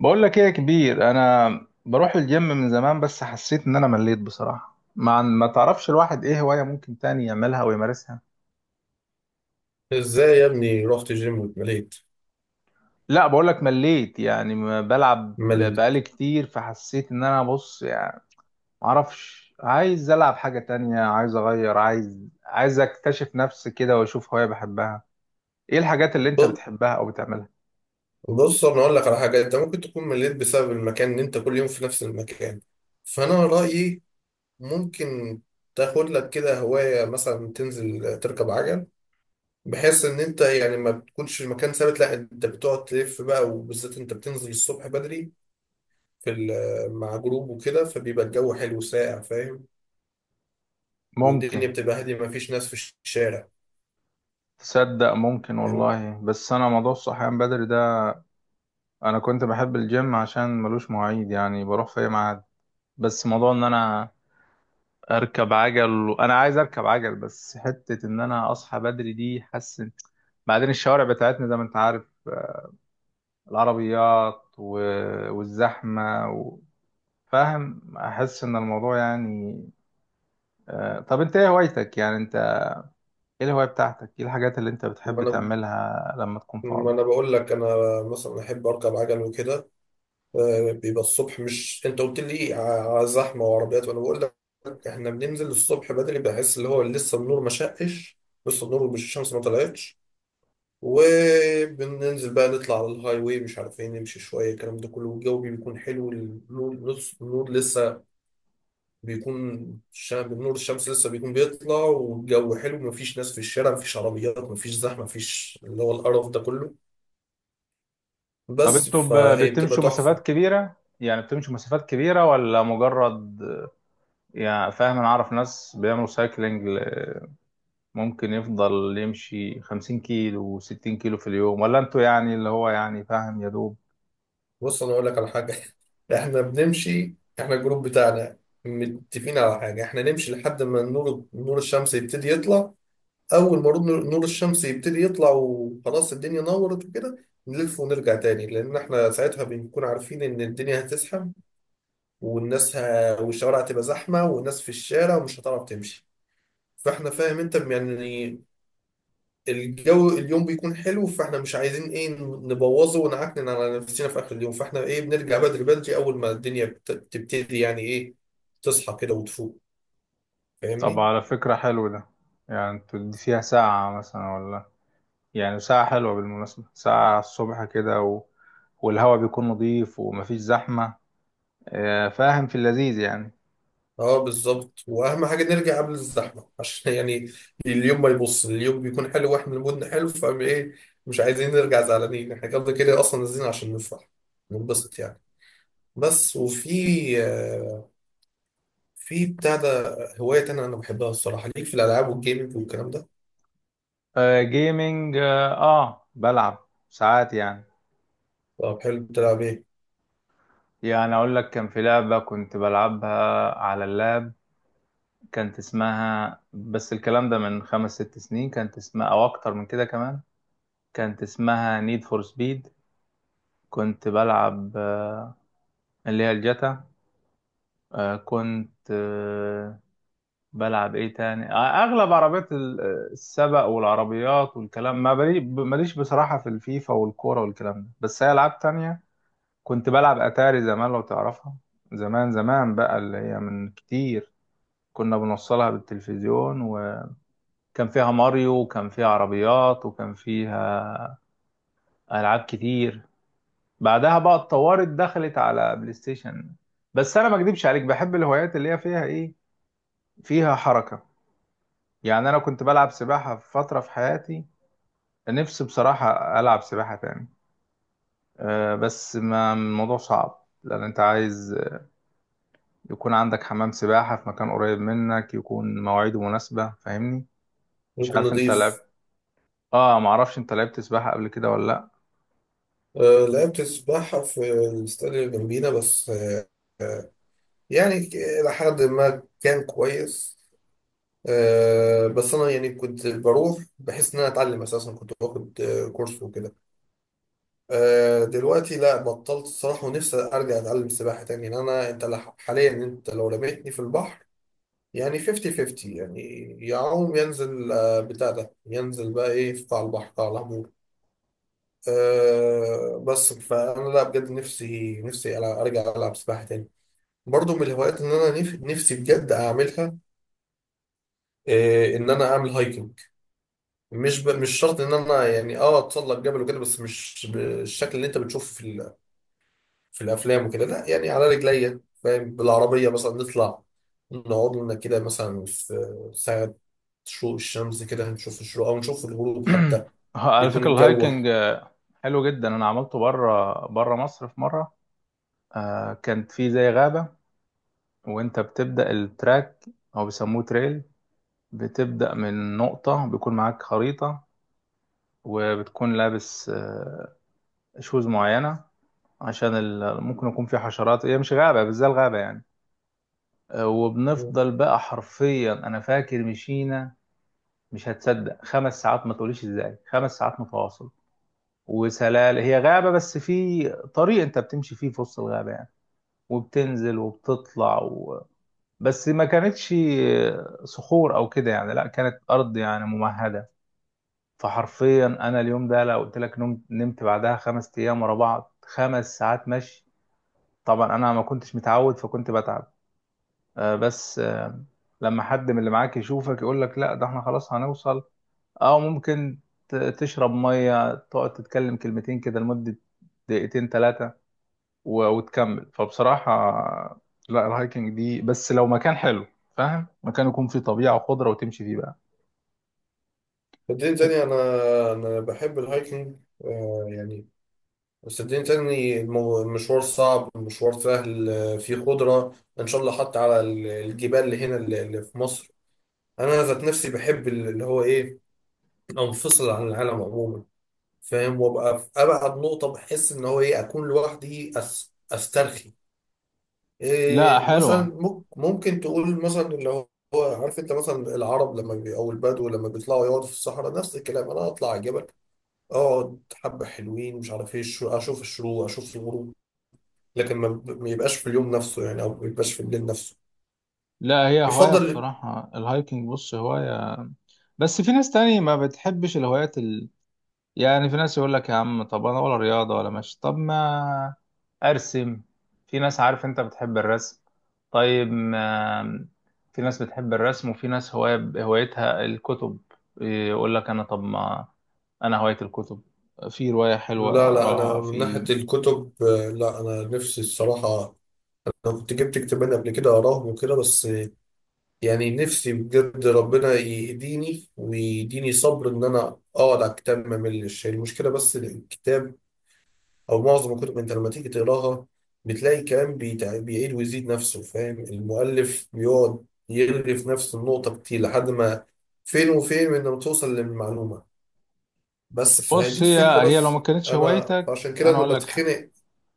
بقول لك ايه يا كبير، انا بروح الجيم من زمان بس حسيت ان انا مليت بصراحة. ما تعرفش الواحد ايه هواية ممكن تاني يعملها ويمارسها. ازاي يا ابني رحت جيم واتمليت لا بقول لك مليت، يعني ما بلعب مل؟ بقالي كتير، فحسيت ان انا بص يعني ما اعرفش. عايز العب حاجة تانية، عايز اغير، عايز اكتشف نفسي كده واشوف هواية بحبها. ايه الحاجات اللي انت ب- بتحبها او بتعملها؟ بص انا اقول لك على حاجه، انت ممكن تكون مليت بسبب المكان، ان انت كل يوم في نفس المكان، فانا رايي ممكن تاخد لك كده هوايه، مثلا تنزل تركب عجل، بحيث ان انت يعني ما بتكونش المكان ثابت، لا انت بتقعد تلف بقى، وبالذات انت بتنزل الصبح بدري مع جروب وكده، فبيبقى الجو حلو ساقع، فاهم؟ ممكن. والدنيا بتبقى هاديه، ما فيش ناس في الشارع. تصدق ممكن والله، بس انا موضوع الصحيان بدري ده، انا كنت بحب الجيم عشان ملوش مواعيد، يعني بروح في اي ميعاد. بس موضوع ان انا اركب عجل، وانا عايز اركب عجل، بس حتة ان انا اصحى بدري دي حاسس بعدين الشوارع بتاعتنا زي ما انت عارف، العربيات و... والزحمة و... فاهم، احس ان الموضوع يعني. طب انت ايه هوايتك يعني انت؟ ايه الهواية بتاعتك؟ ايه الحاجات اللي انت بتحب فاهم؟ تعملها لما تكون ما فاضي؟ انا بقول لك انا مثلا احب اركب عجل وكده. بيبقى الصبح، مش انت قلت لي زحمه وعربيات؟ وانا بقول لك احنا بننزل الصبح بدري، بحس اللي هو لسه النور ما شقش، لسه النور، مش الشمس ما طلعتش، وبننزل بقى نطلع على الهاي واي، مش عارفين نمشي شويه الكلام ده كله، والجو بيكون حلو، النور النور لسه بيكون، نور الشمس لسه بيكون بيطلع، والجو حلو، مفيش ناس في الشارع، مفيش عربيات، مفيش زحمه، مفيش اللي هو القرف ده كله، طب بس انتوا فهي بتبقى بتمشوا مسافات تحفة. كبيرة؟ يعني بتمشوا مسافات كبيرة ولا مجرد يعني فاهم؟ انا اعرف ناس بيعملوا سايكلينج ممكن يفضل يمشي 50 كيلو و60 كيلو في اليوم، ولا انتوا يعني اللي هو يعني فاهم يا دوب؟ بص أنا أقول لك على حاجة. إحنا بنمشي، إحنا الجروب بتاعنا متفقين على حاجة، إحنا نمشي لحد ما نور الشمس يبتدي يطلع، أول ما نور الشمس يبتدي يطلع وخلاص الدنيا نورت وكده، نلف ونرجع تاني، لأن إحنا ساعتها بنكون عارفين إن الدنيا هتزحم، والشوارع هتبقى زحمة والناس في الشارع، ومش هتعرف تمشي، فإحنا، فاهم أنت يعني، الجو اليوم بيكون حلو، فاحنا مش عايزين ايه، نبوظه ونعكنن على نفسنا في اخر اليوم، فاحنا ايه، بنرجع بدري بدري، اول ما الدنيا بتبتدي يعني ايه، تصحى كده وتفوق. طب فاهمني؟ على فكرة حلو ده. يعني انتوا دي فيها ساعة مثلا ولا؟ يعني ساعة حلوة بالمناسبة، ساعة الصبح كده و... والهواء بيكون نظيف ومفيش زحمة. فاهم، في اللذيذ يعني. اه بالظبط، واهم حاجه نرجع قبل الزحمه عشان يعني اليوم ما يبص، اليوم بيكون حلو واحنا مودنا حلو، فاهم ايه، مش عايزين نرجع زعلانين، احنا كده كده اصلا نازلين عشان نفرح، ننبسط يعني. بس وفي، آه، في بتاع ده، هوايه تانية انا بحبها الصراحه ليك، في الالعاب والجيمنج والكلام ده. جيمينج، اه، بلعب ساعات يعني. طب حلو، بتلعب ايه؟ يعني اقول لك كان في لعبة كنت بلعبها على اللاب، كانت اسمها، بس الكلام ده من خمس ست سنين، كانت اسمها، او اكتر من كده كمان، كانت اسمها نيد فور سبيد. كنت بلعب اللي هي الجاتا. كنت بلعب ايه تاني؟ اغلب عربيات السبق والعربيات والكلام. ما بلي- ماليش بصراحة في الفيفا والكورة والكلام ده، بس هي العاب تانية. كنت بلعب اتاري زمان لو تعرفها. زمان بقى، اللي هي من كتير، كنا بنوصلها بالتلفزيون. كان فيها ماريو، وكان فيها عربيات، وكان فيها ألعاب كتير. بعدها بقى اتطورت، دخلت على بلاي ستيشن. بس أنا ما أكدبش عليك، بحب الهوايات اللي هي فيها إيه، فيها حركة. يعني أنا كنت بلعب سباحة في فترة في حياتي، نفسي بصراحة ألعب سباحة تاني. أه بس ما الموضوع صعب، لأن أنت عايز يكون عندك حمام سباحة في مكان قريب منك، يكون مواعيده مناسبة، فاهمني؟ مش ممكن عارف أنت نضيف. لعبت، آه معرفش أنت لعبت سباحة قبل كده ولا لأ. لعبت السباحة في الاستاد اللي جنبينا، بس يعني إلى حد ما كان كويس، بس أنا يعني كنت بروح بحس إن أنا أتعلم أساسا، كنت باخد كورس وكده. دلوقتي لا بطلت الصراحة، ونفسي أرجع أتعلم سباحة تاني، لأن أنا أنت حاليا أنت لو رميتني في البحر يعني 50 50 يعني، يعوم ينزل بتاع ده، ينزل بقى إيه في قاع البحر، قاع العمود. أه بس فانا لا بجد نفسي، ارجع العب سباحه تاني. برضو من الهوايات اللي انا نفسي بجد اعملها، أه ان انا اعمل هايكنج، مش شرط ان انا يعني اه اتسلق جبل وكده، بس مش بالشكل اللي انت بتشوفه في الافلام وكده، لا يعني على رجليا، فاهم، بالعربيه مثلا نطلع نقعد لنا كده مثلا في ساعه شروق الشمس كده، هنشوف الشروق او نشوف الغروب حتى، على بيكون فكرة الجو. الهايكنج حلو جدا. انا عملته بره مصر في مرة. كانت في زي غابة، وانت بتبدأ التراك او بيسموه تريل، بتبدأ من نقطة، بيكون معاك خريطة، وبتكون لابس شوز معينة عشان ممكن يكون في حشرات، هي مش غابة بس زي الغابة يعني. وبنفضل بقى حرفيا، انا فاكر مشينا، مش هتصدق، خمس ساعات، ما تقوليش ازاي، خمس ساعات متواصل. وسلال هي غابة، بس في طريق انت بتمشي فيه في وسط الغابة يعني، وبتنزل وبتطلع و... بس ما كانتش صخور او كده يعني، لا كانت ارض يعني ممهدة. فحرفيا انا اليوم ده لو قلت لك نمت، نمت بعدها خمس ايام ورا بعض. خمس ساعات مشي، طبعا انا ما كنتش متعود فكنت بتعب. آه، بس آه، لما حد من اللي معاك يشوفك يقول لك لا ده احنا خلاص هنوصل، او ممكن تشرب مية، تقعد تتكلم كلمتين كده لمدة دقيقتين ثلاثة وتكمل. فبصراحة لا، الهايكنج دي بس لو مكان حلو، فاهم، مكان يكون فيه طبيعة وخضرة وتمشي فيه بقى. صدقني تاني أنا، أنا بحب الهايكنج، آه يعني، بس صدقني تاني المشوار صعب، المشوار سهل، فيه خضرة إن شاء الله، حتى على الجبال اللي هنا، اللي في مصر. أنا ذات نفسي بحب اللي هو إيه، أنفصل عن العالم عموما، فاهم، وأبقى في أبعد نقطة، بحس إن هو إيه أكون لوحدي، أسترخي لا إيه، مثلا حلوة. ممكن تقول مثلا اللي هو، هو عارف أنت مثلا العرب لما بي، أو البدو لما بيطلعوا يقعدوا في الصحراء، نفس الكلام أنا أطلع الجبل، اقعد حبة حلوين، مش عارف ايه، الشروق، اشوف الشروق اشوف الغروب، لكن ما يبقاش في اليوم نفسه يعني، او ما يبقاش في الليل نفسه، لا هي هواية يفضل. بصراحة، الهايكنج بص هواية. بس في ناس تاني ما بتحبش الهوايات، يعني في ناس يقول لك يا عم طب انا ولا رياضه ولا ماشي، طب ما ارسم. في ناس عارف انت بتحب الرسم، طيب ما، في ناس بتحب الرسم، وفي ناس هواية هوايتها الكتب، يقول لك انا طب ما انا هوايتي الكتب، في روايه حلوه لا انا اقراها من في. ناحية الكتب، لا انا نفسي الصراحة، انا كنت جبت كتابين قبل كده اقراهم وكده، بس يعني نفسي بجد ربنا يهديني ويديني صبر ان انا اقعد على الكتاب ما ملش، المشكلة بس الكتاب او معظم الكتب، انت لما تيجي تقراها بتلاقي الكلام بيعيد ويزيد نفسه، فاهم، المؤلف بيقعد يرغي في نفس النقطة كتير، لحد ما فين وفين من لما توصل للمعلومة، بس فهذه بص هي، الفكرة هي لو بس. ما كانتش انا هوايتك، عشان كده انا انا اقول لك بتخنق،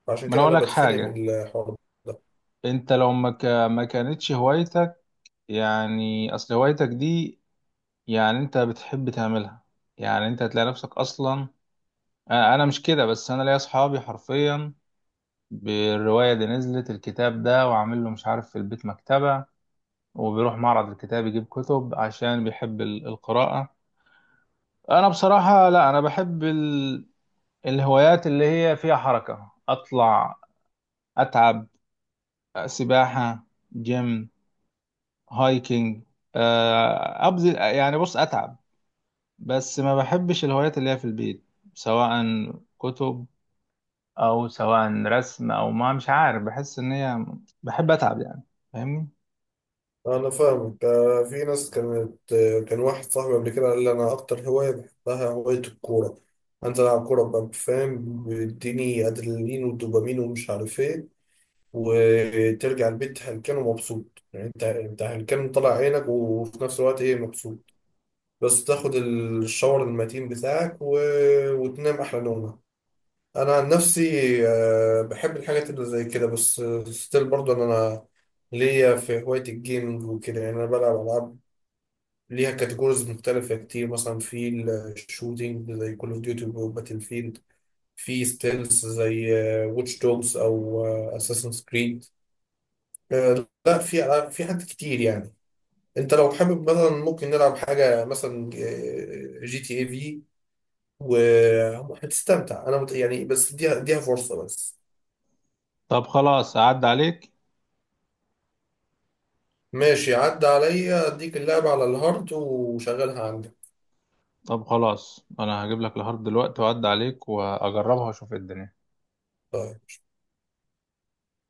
عشان ما انا كده اقول انا لك بتخنق حاجه، من الحوار ده. انت لو ما كانتش هوايتك، يعني اصل هوايتك دي يعني انت بتحب تعملها، يعني انت هتلاقي نفسك اصلا. أنا مش كده، بس انا ليا اصحابي حرفيا بالروايه دي، نزلت الكتاب ده وعامل له مش عارف في البيت مكتبه، وبيروح معرض الكتاب يجيب كتب عشان بيحب القراءه. انا بصراحه لا، انا بحب ال... الهوايات اللي هي فيها حركه، اطلع، اتعب، سباحه، جيم، هايكنج، ابذل يعني، بص اتعب. بس ما بحبش الهوايات اللي هي في البيت، سواء كتب او سواء رسم، او ما مش عارف، بحس ان هي، بحب اتعب يعني، فاهمني؟ انا فاهمك، في ناس كانت، كان واحد صاحبي قبل كده قال لي انا اكتر هواية بحبها هواية الكورة، انزل العب كورة ببقى فاهم، بيديني ادرينالين ودوبامين ومش عارف ايه، وترجع البيت هلكان ومبسوط، يعني انت هلكان طالع عينك، وفي نفس الوقت ايه، مبسوط، بس تاخد الشاور المتين بتاعك، و... وتنام احلى نومه. انا عن نفسي بحب الحاجات اللي زي كده، بس ستيل برضه ان انا ليا في هواية الجيمنج وكده، يعني انا بلعب العاب ليها كاتيجوريز مختلفة كتير، مثلا في الشوتينج زي كول اوف ديوتي وباتل فيلد، في ستيلز زي واتش دوجز او اساسن كريد، لا في ألعاب، في حاجات كتير يعني، انت لو حابب مثلا ممكن نلعب حاجه مثلا جي تي اي في، وهتستمتع، انا يعني بس اديها، اديها فرصه بس. طب خلاص اعد عليك. ماشي عدى عليا، اديك اللعبه على الهارد وشغلها عندك. طب خلاص انا هجيب لك الهارد دلوقتي واعد عليك واجربها واشوف إيه الدنيا. طيب.